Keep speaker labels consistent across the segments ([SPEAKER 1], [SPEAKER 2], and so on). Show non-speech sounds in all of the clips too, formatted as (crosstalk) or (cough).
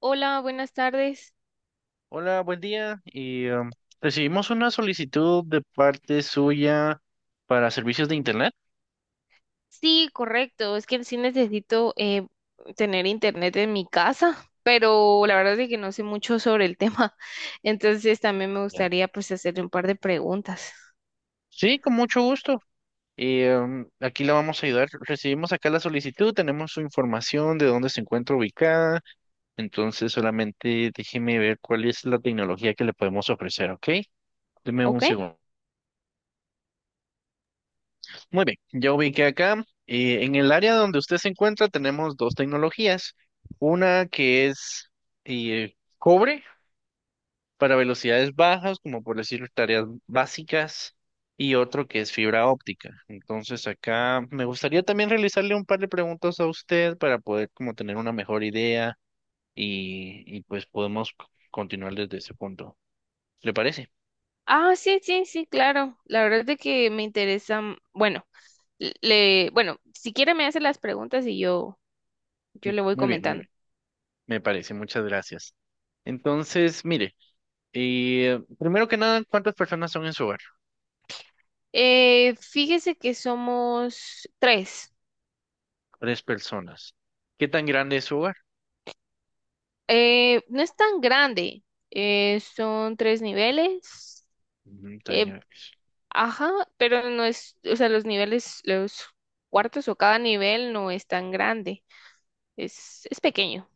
[SPEAKER 1] Hola, buenas tardes.
[SPEAKER 2] Hola, buen día. Recibimos una solicitud de parte suya para servicios de internet.
[SPEAKER 1] Sí, correcto. Es que sí necesito tener internet en mi casa, pero la verdad es que no sé mucho sobre el tema. (laughs) Entonces también me
[SPEAKER 2] Ya.
[SPEAKER 1] gustaría pues hacerle un par de preguntas.
[SPEAKER 2] Sí, con mucho gusto. Aquí la vamos a ayudar. Recibimos acá la solicitud, tenemos su información de dónde se encuentra ubicada. Entonces, solamente déjeme ver cuál es la tecnología que le podemos ofrecer, ¿ok? Deme un
[SPEAKER 1] ¿Ok?
[SPEAKER 2] segundo. Muy bien, ya ubiqué acá. En el área donde usted se encuentra tenemos dos tecnologías. Una que es cobre para velocidades bajas, como por decir tareas básicas, y otro que es fibra óptica. Entonces acá me gustaría también realizarle un par de preguntas a usted para poder como tener una mejor idea y pues podemos continuar desde ese punto. ¿Le parece?
[SPEAKER 1] Ah, sí, sí, sí, claro. La verdad es que me interesa, bueno, bueno, si quiere me hace las preguntas y yo le voy
[SPEAKER 2] Muy bien, muy
[SPEAKER 1] comentando.
[SPEAKER 2] bien. Me parece, muchas gracias. Entonces, mire, primero que nada, ¿cuántas personas son en su hogar?
[SPEAKER 1] Fíjese que somos tres.
[SPEAKER 2] Tres personas. ¿Qué tan grande es su hogar?
[SPEAKER 1] No es tan grande, son tres niveles,
[SPEAKER 2] Ujú, tres
[SPEAKER 1] eh,
[SPEAKER 2] niveles.
[SPEAKER 1] ajá, pero no es, o sea, los niveles, los cuartos o cada nivel no es tan grande, es pequeño.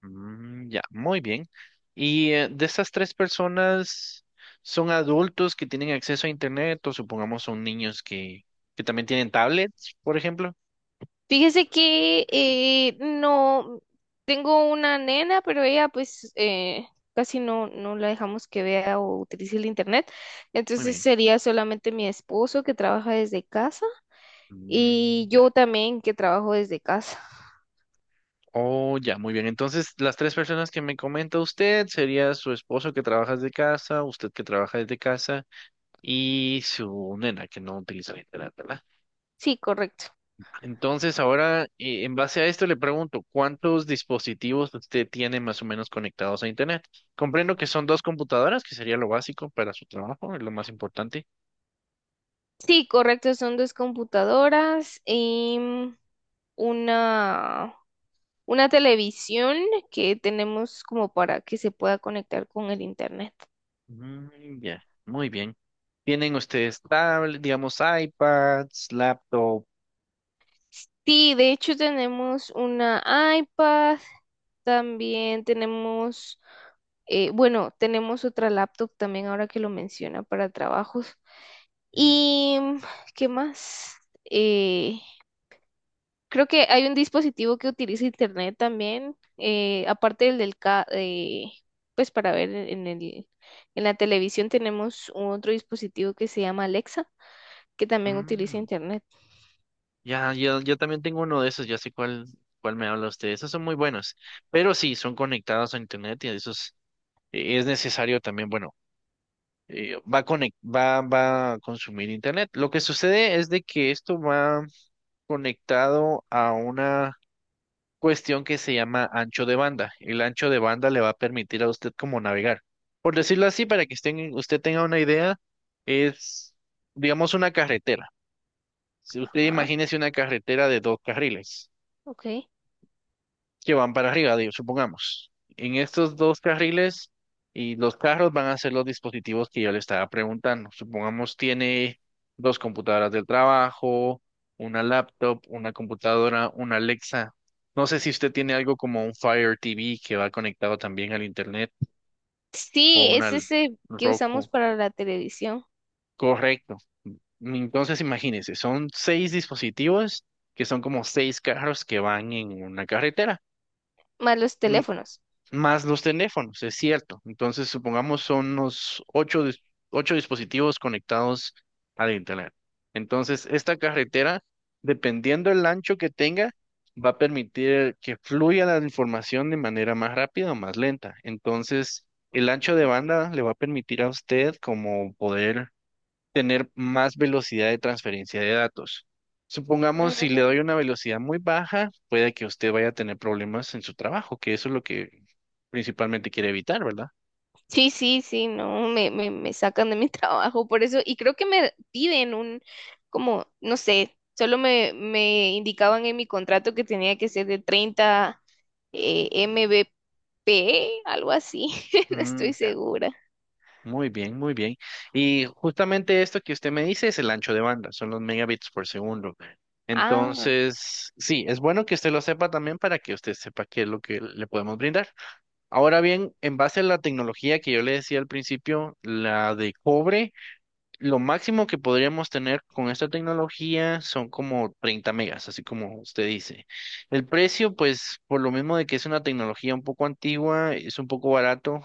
[SPEAKER 2] Mm, ya, muy bien. Y de estas tres personas, ¿son adultos que tienen acceso a Internet o supongamos son niños que también tienen tablets, por ejemplo?
[SPEAKER 1] Fíjese que no, tengo una nena, pero ella pues casi no, no la dejamos que vea o utilice el internet,
[SPEAKER 2] Muy
[SPEAKER 1] entonces
[SPEAKER 2] bien.
[SPEAKER 1] sería solamente mi esposo que trabaja desde casa
[SPEAKER 2] Mm,
[SPEAKER 1] y
[SPEAKER 2] ya.
[SPEAKER 1] yo también que trabajo desde casa.
[SPEAKER 2] Oh, ya, muy bien. Entonces, las tres personas que me comenta usted sería su esposo que trabaja desde casa, usted que trabaja desde casa y su nena que no utiliza el Internet, ¿verdad?
[SPEAKER 1] Sí, correcto.
[SPEAKER 2] Entonces, ahora, en base a esto, le pregunto, ¿cuántos dispositivos usted tiene más o menos conectados a Internet? Comprendo que son dos computadoras, que sería lo básico para su trabajo, es lo más importante.
[SPEAKER 1] Sí, correcto, son dos computadoras y una, una televisión que tenemos como para que se pueda conectar con el internet.
[SPEAKER 2] Mm, ya, muy bien. ¿Tienen ustedes tablet, digamos, iPads, laptop?
[SPEAKER 1] Sí, de hecho tenemos una iPad, también tenemos, bueno, tenemos otra laptop también ahora que lo menciona para trabajos.
[SPEAKER 2] Mm,
[SPEAKER 1] ¿Y qué más? Eh, Creo que hay un dispositivo que utiliza internet también, aparte del pues para ver en la televisión tenemos otro dispositivo que se llama Alexa, que también utiliza
[SPEAKER 2] mm.
[SPEAKER 1] internet.
[SPEAKER 2] Ya, yo también tengo uno de esos, ya sé cuál me habla usted. Esos son muy buenos, pero sí, son conectados a Internet y esos es necesario también, bueno. Va a consumir internet. Lo que sucede es de que esto va conectado a una cuestión que se llama ancho de banda. El ancho de banda le va a permitir a usted como navegar. Por decirlo así, para que usted tenga una idea, es, digamos, una carretera. Si usted
[SPEAKER 1] Ajá,
[SPEAKER 2] imagínese una carretera de dos carriles.
[SPEAKER 1] ok.
[SPEAKER 2] Que van para arriba, digo, supongamos. En estos dos carriles y los carros van a ser los dispositivos que yo le estaba preguntando. Supongamos tiene dos computadoras del trabajo, una laptop, una computadora, una Alexa. No sé si usted tiene algo como un Fire TV que va conectado también al internet o
[SPEAKER 1] Sí,
[SPEAKER 2] una
[SPEAKER 1] es
[SPEAKER 2] L-
[SPEAKER 1] ese que usamos
[SPEAKER 2] Roku.
[SPEAKER 1] para la televisión,
[SPEAKER 2] Correcto. Entonces imagínense, son seis dispositivos que son como seis carros que van en una carretera.
[SPEAKER 1] más los teléfonos.
[SPEAKER 2] Más los teléfonos, es cierto. Entonces, supongamos son unos ocho dispositivos conectados al Internet. Entonces, esta carretera, dependiendo del ancho que tenga, va a permitir que fluya la información de manera más rápida o más lenta. Entonces, el ancho de banda le va a permitir a usted como poder tener más velocidad de transferencia de datos. Supongamos, si le doy una velocidad muy baja, puede que usted vaya a tener problemas en su trabajo, que eso es lo que principalmente quiere evitar, ¿verdad?
[SPEAKER 1] Sí, sí, sí, no, me sacan de mi (laughs) trabajo por eso, y creo que me piden como, no sé, solo me indicaban en mi contrato que tenía que ser de 30 MBP, algo así, (laughs) no estoy
[SPEAKER 2] Mm, ya.
[SPEAKER 1] segura.
[SPEAKER 2] Muy bien, muy bien. Y justamente esto que usted me dice es el ancho de banda, son los megabits por segundo.
[SPEAKER 1] Ah,
[SPEAKER 2] Entonces, sí, es bueno que usted lo sepa también para que usted sepa qué es lo que le podemos brindar. Ahora bien, en base a la tecnología que yo le decía al principio, la de cobre. Lo máximo que podríamos tener con esta tecnología son como 30 megas, así como usted dice. El precio, pues, por lo mismo de que es una tecnología un poco antigua, es un poco barato,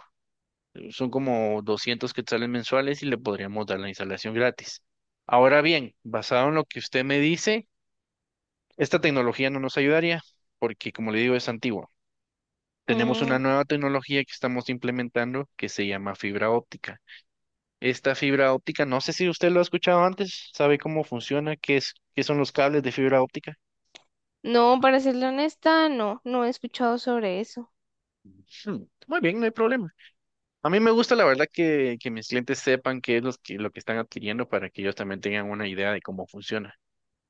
[SPEAKER 2] son como 200 quetzales mensuales y le podríamos dar la instalación gratis. Ahora bien, basado en lo que usted me dice, esta tecnología no nos ayudaría porque, como le digo, es antigua. Tenemos una
[SPEAKER 1] mm,
[SPEAKER 2] nueva tecnología que estamos implementando que se llama fibra óptica. Esta fibra óptica, no sé si usted lo ha escuchado antes, sabe cómo funciona, qué es, qué son los cables de fibra óptica.
[SPEAKER 1] no, para serle honesta, no, no he escuchado sobre eso.
[SPEAKER 2] Hmm, muy bien, no hay problema. A mí me gusta, la verdad, que mis clientes sepan qué es lo que están adquiriendo para que ellos también tengan una idea de cómo funciona.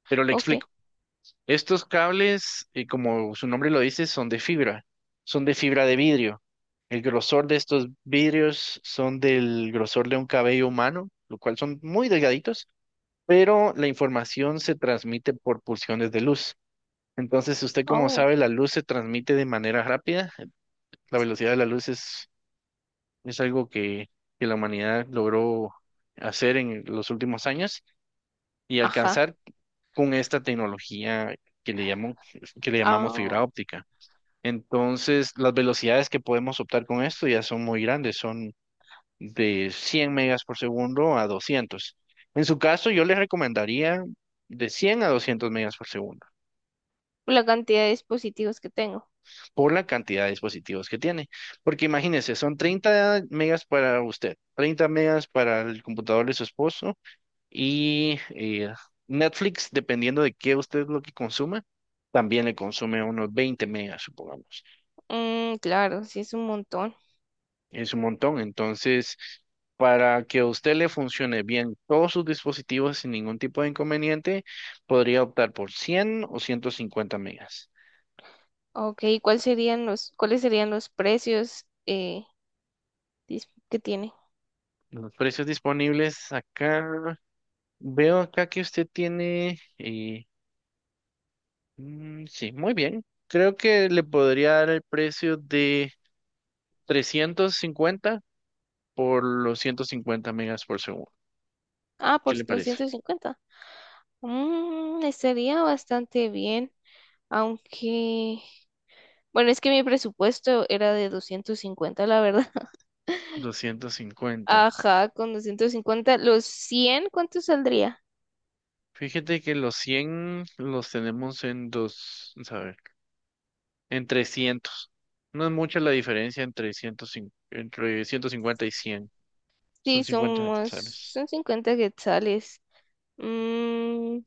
[SPEAKER 2] Pero le
[SPEAKER 1] Ok,
[SPEAKER 2] explico. Estos cables, como su nombre lo dice, son de fibra de vidrio. El grosor de estos vidrios son del grosor de un cabello humano, lo cual son muy delgaditos, pero la información se transmite por pulsiones de luz. Entonces, usted como
[SPEAKER 1] oh,
[SPEAKER 2] sabe, la luz se transmite de manera rápida. La velocidad de la luz es algo que la humanidad logró hacer en los últimos años y
[SPEAKER 1] ajá,
[SPEAKER 2] alcanzar con esta tecnología que le llamó- que le llamamos
[SPEAKER 1] ah,
[SPEAKER 2] fibra óptica. Entonces, las velocidades que podemos optar con esto ya son muy grandes, son de 100 megas por segundo a 200. En su caso, yo le recomendaría de 100 a 200 megas por segundo.
[SPEAKER 1] la cantidad de dispositivos que tengo.
[SPEAKER 2] Por la cantidad de dispositivos que tiene. Porque imagínese, son 30 megas para usted, 30 megas para el computador de su esposo y Netflix, dependiendo de qué usted lo que consuma, también le consume unos 20 megas, supongamos.
[SPEAKER 1] Mm, claro, sí es un montón.
[SPEAKER 2] Es un montón. Entonces, para que a usted le funcione bien todos sus dispositivos sin ningún tipo de inconveniente, podría optar por 100 o 150 megas.
[SPEAKER 1] Ok, ¿ cuáles serían los precios que tiene?
[SPEAKER 2] Los precios disponibles acá. Veo acá que usted tiene... sí, muy bien. Creo que le podría dar el precio de 350 por los 150 megas por segundo.
[SPEAKER 1] Ah,
[SPEAKER 2] ¿Qué
[SPEAKER 1] por
[SPEAKER 2] le
[SPEAKER 1] los
[SPEAKER 2] parece?
[SPEAKER 1] 150. Mm, estaría bastante bien, aunque, bueno, es que mi presupuesto era de 250, la verdad. (laughs)
[SPEAKER 2] 250.
[SPEAKER 1] Ajá, con 250, los 100, ¿cuánto saldría?
[SPEAKER 2] Fíjate que los 100 los tenemos en dos, vamos a ver, en 300. No es mucha la diferencia 150 entre 150 y 100. Son
[SPEAKER 1] Sí,
[SPEAKER 2] 50 quetzales.
[SPEAKER 1] son 50 quetzales. Mm,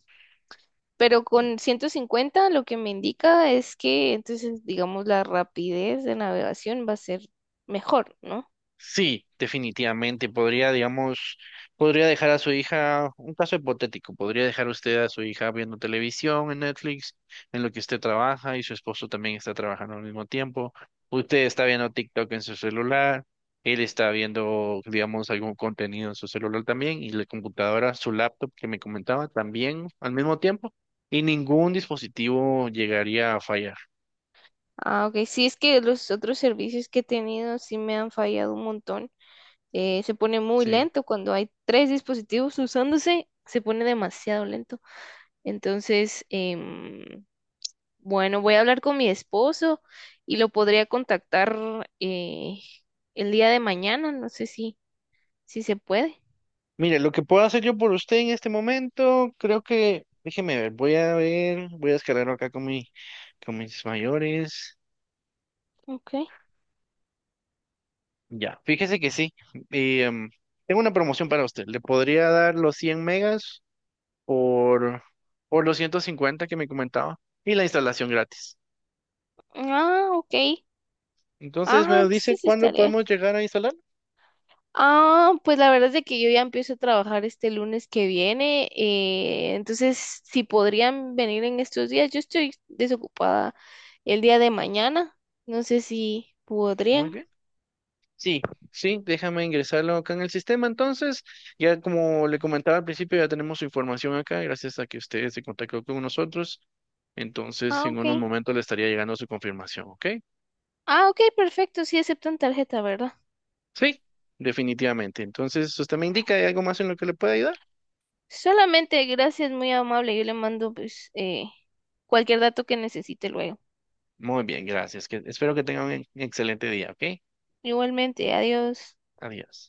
[SPEAKER 1] Pero con 150 lo que me indica es que entonces, digamos, la rapidez de navegación va a ser mejor, ¿no?
[SPEAKER 2] Sí, definitivamente podría, digamos, podría dejar a su hija, un caso hipotético, podría dejar usted a su hija viendo televisión en Netflix, en lo que usted trabaja y su esposo también está trabajando al mismo tiempo. Usted está viendo TikTok en su celular, él está viendo, digamos, algún contenido en su celular también y la computadora, su laptop que me comentaba también al mismo tiempo y ningún dispositivo llegaría a fallar.
[SPEAKER 1] Ah, ok. Sí, es que los otros servicios que he tenido sí me han fallado un montón. Se pone muy
[SPEAKER 2] Sí.
[SPEAKER 1] lento cuando hay tres dispositivos usándose, se pone demasiado lento. Entonces, bueno, voy a hablar con mi esposo y lo podría contactar eh, el día de mañana, no sé si se puede.
[SPEAKER 2] Mire, lo que puedo hacer yo por usted en este momento, creo que, déjeme ver, voy a descargarlo acá con mis mayores.
[SPEAKER 1] Ok.
[SPEAKER 2] Ya, fíjese que sí. y, em, tengo una promoción para usted. ¿Le podría dar los 100 megas por, por los 150 que me comentaba? Y la instalación gratis.
[SPEAKER 1] Ah, ok.
[SPEAKER 2] Entonces
[SPEAKER 1] Ah,
[SPEAKER 2] me dice
[SPEAKER 1] entonces sí
[SPEAKER 2] cuándo
[SPEAKER 1] estaría.
[SPEAKER 2] podemos llegar a instalar.
[SPEAKER 1] Ah, pues la verdad es de que yo ya empiezo a trabajar este lunes que viene, entonces si podrían venir en estos días, yo estoy desocupada el día de mañana, no sé si
[SPEAKER 2] Muy
[SPEAKER 1] podrían.
[SPEAKER 2] bien. Sí, sí, déjame ingresarlo acá en el sistema. Entonces, ya como le comentaba al principio, ya tenemos su información acá, gracias a que usted se contactó con nosotros. Entonces,
[SPEAKER 1] Ah,
[SPEAKER 2] en
[SPEAKER 1] ok.
[SPEAKER 2] unos momentos le estaría llegando su confirmación, ¿ok?
[SPEAKER 1] Ah, ok, perfecto, sí aceptan tarjeta, ¿verdad?
[SPEAKER 2] Sí, definitivamente. Entonces, usted me indica, ¿hay algo más en lo que le pueda ayudar?
[SPEAKER 1] Solamente gracias, muy amable, yo le mando pues cualquier dato que necesite luego.
[SPEAKER 2] Muy bien, gracias. Que, espero que tenga un excelente día, ¿ok?
[SPEAKER 1] Igualmente, adiós.
[SPEAKER 2] Adiós.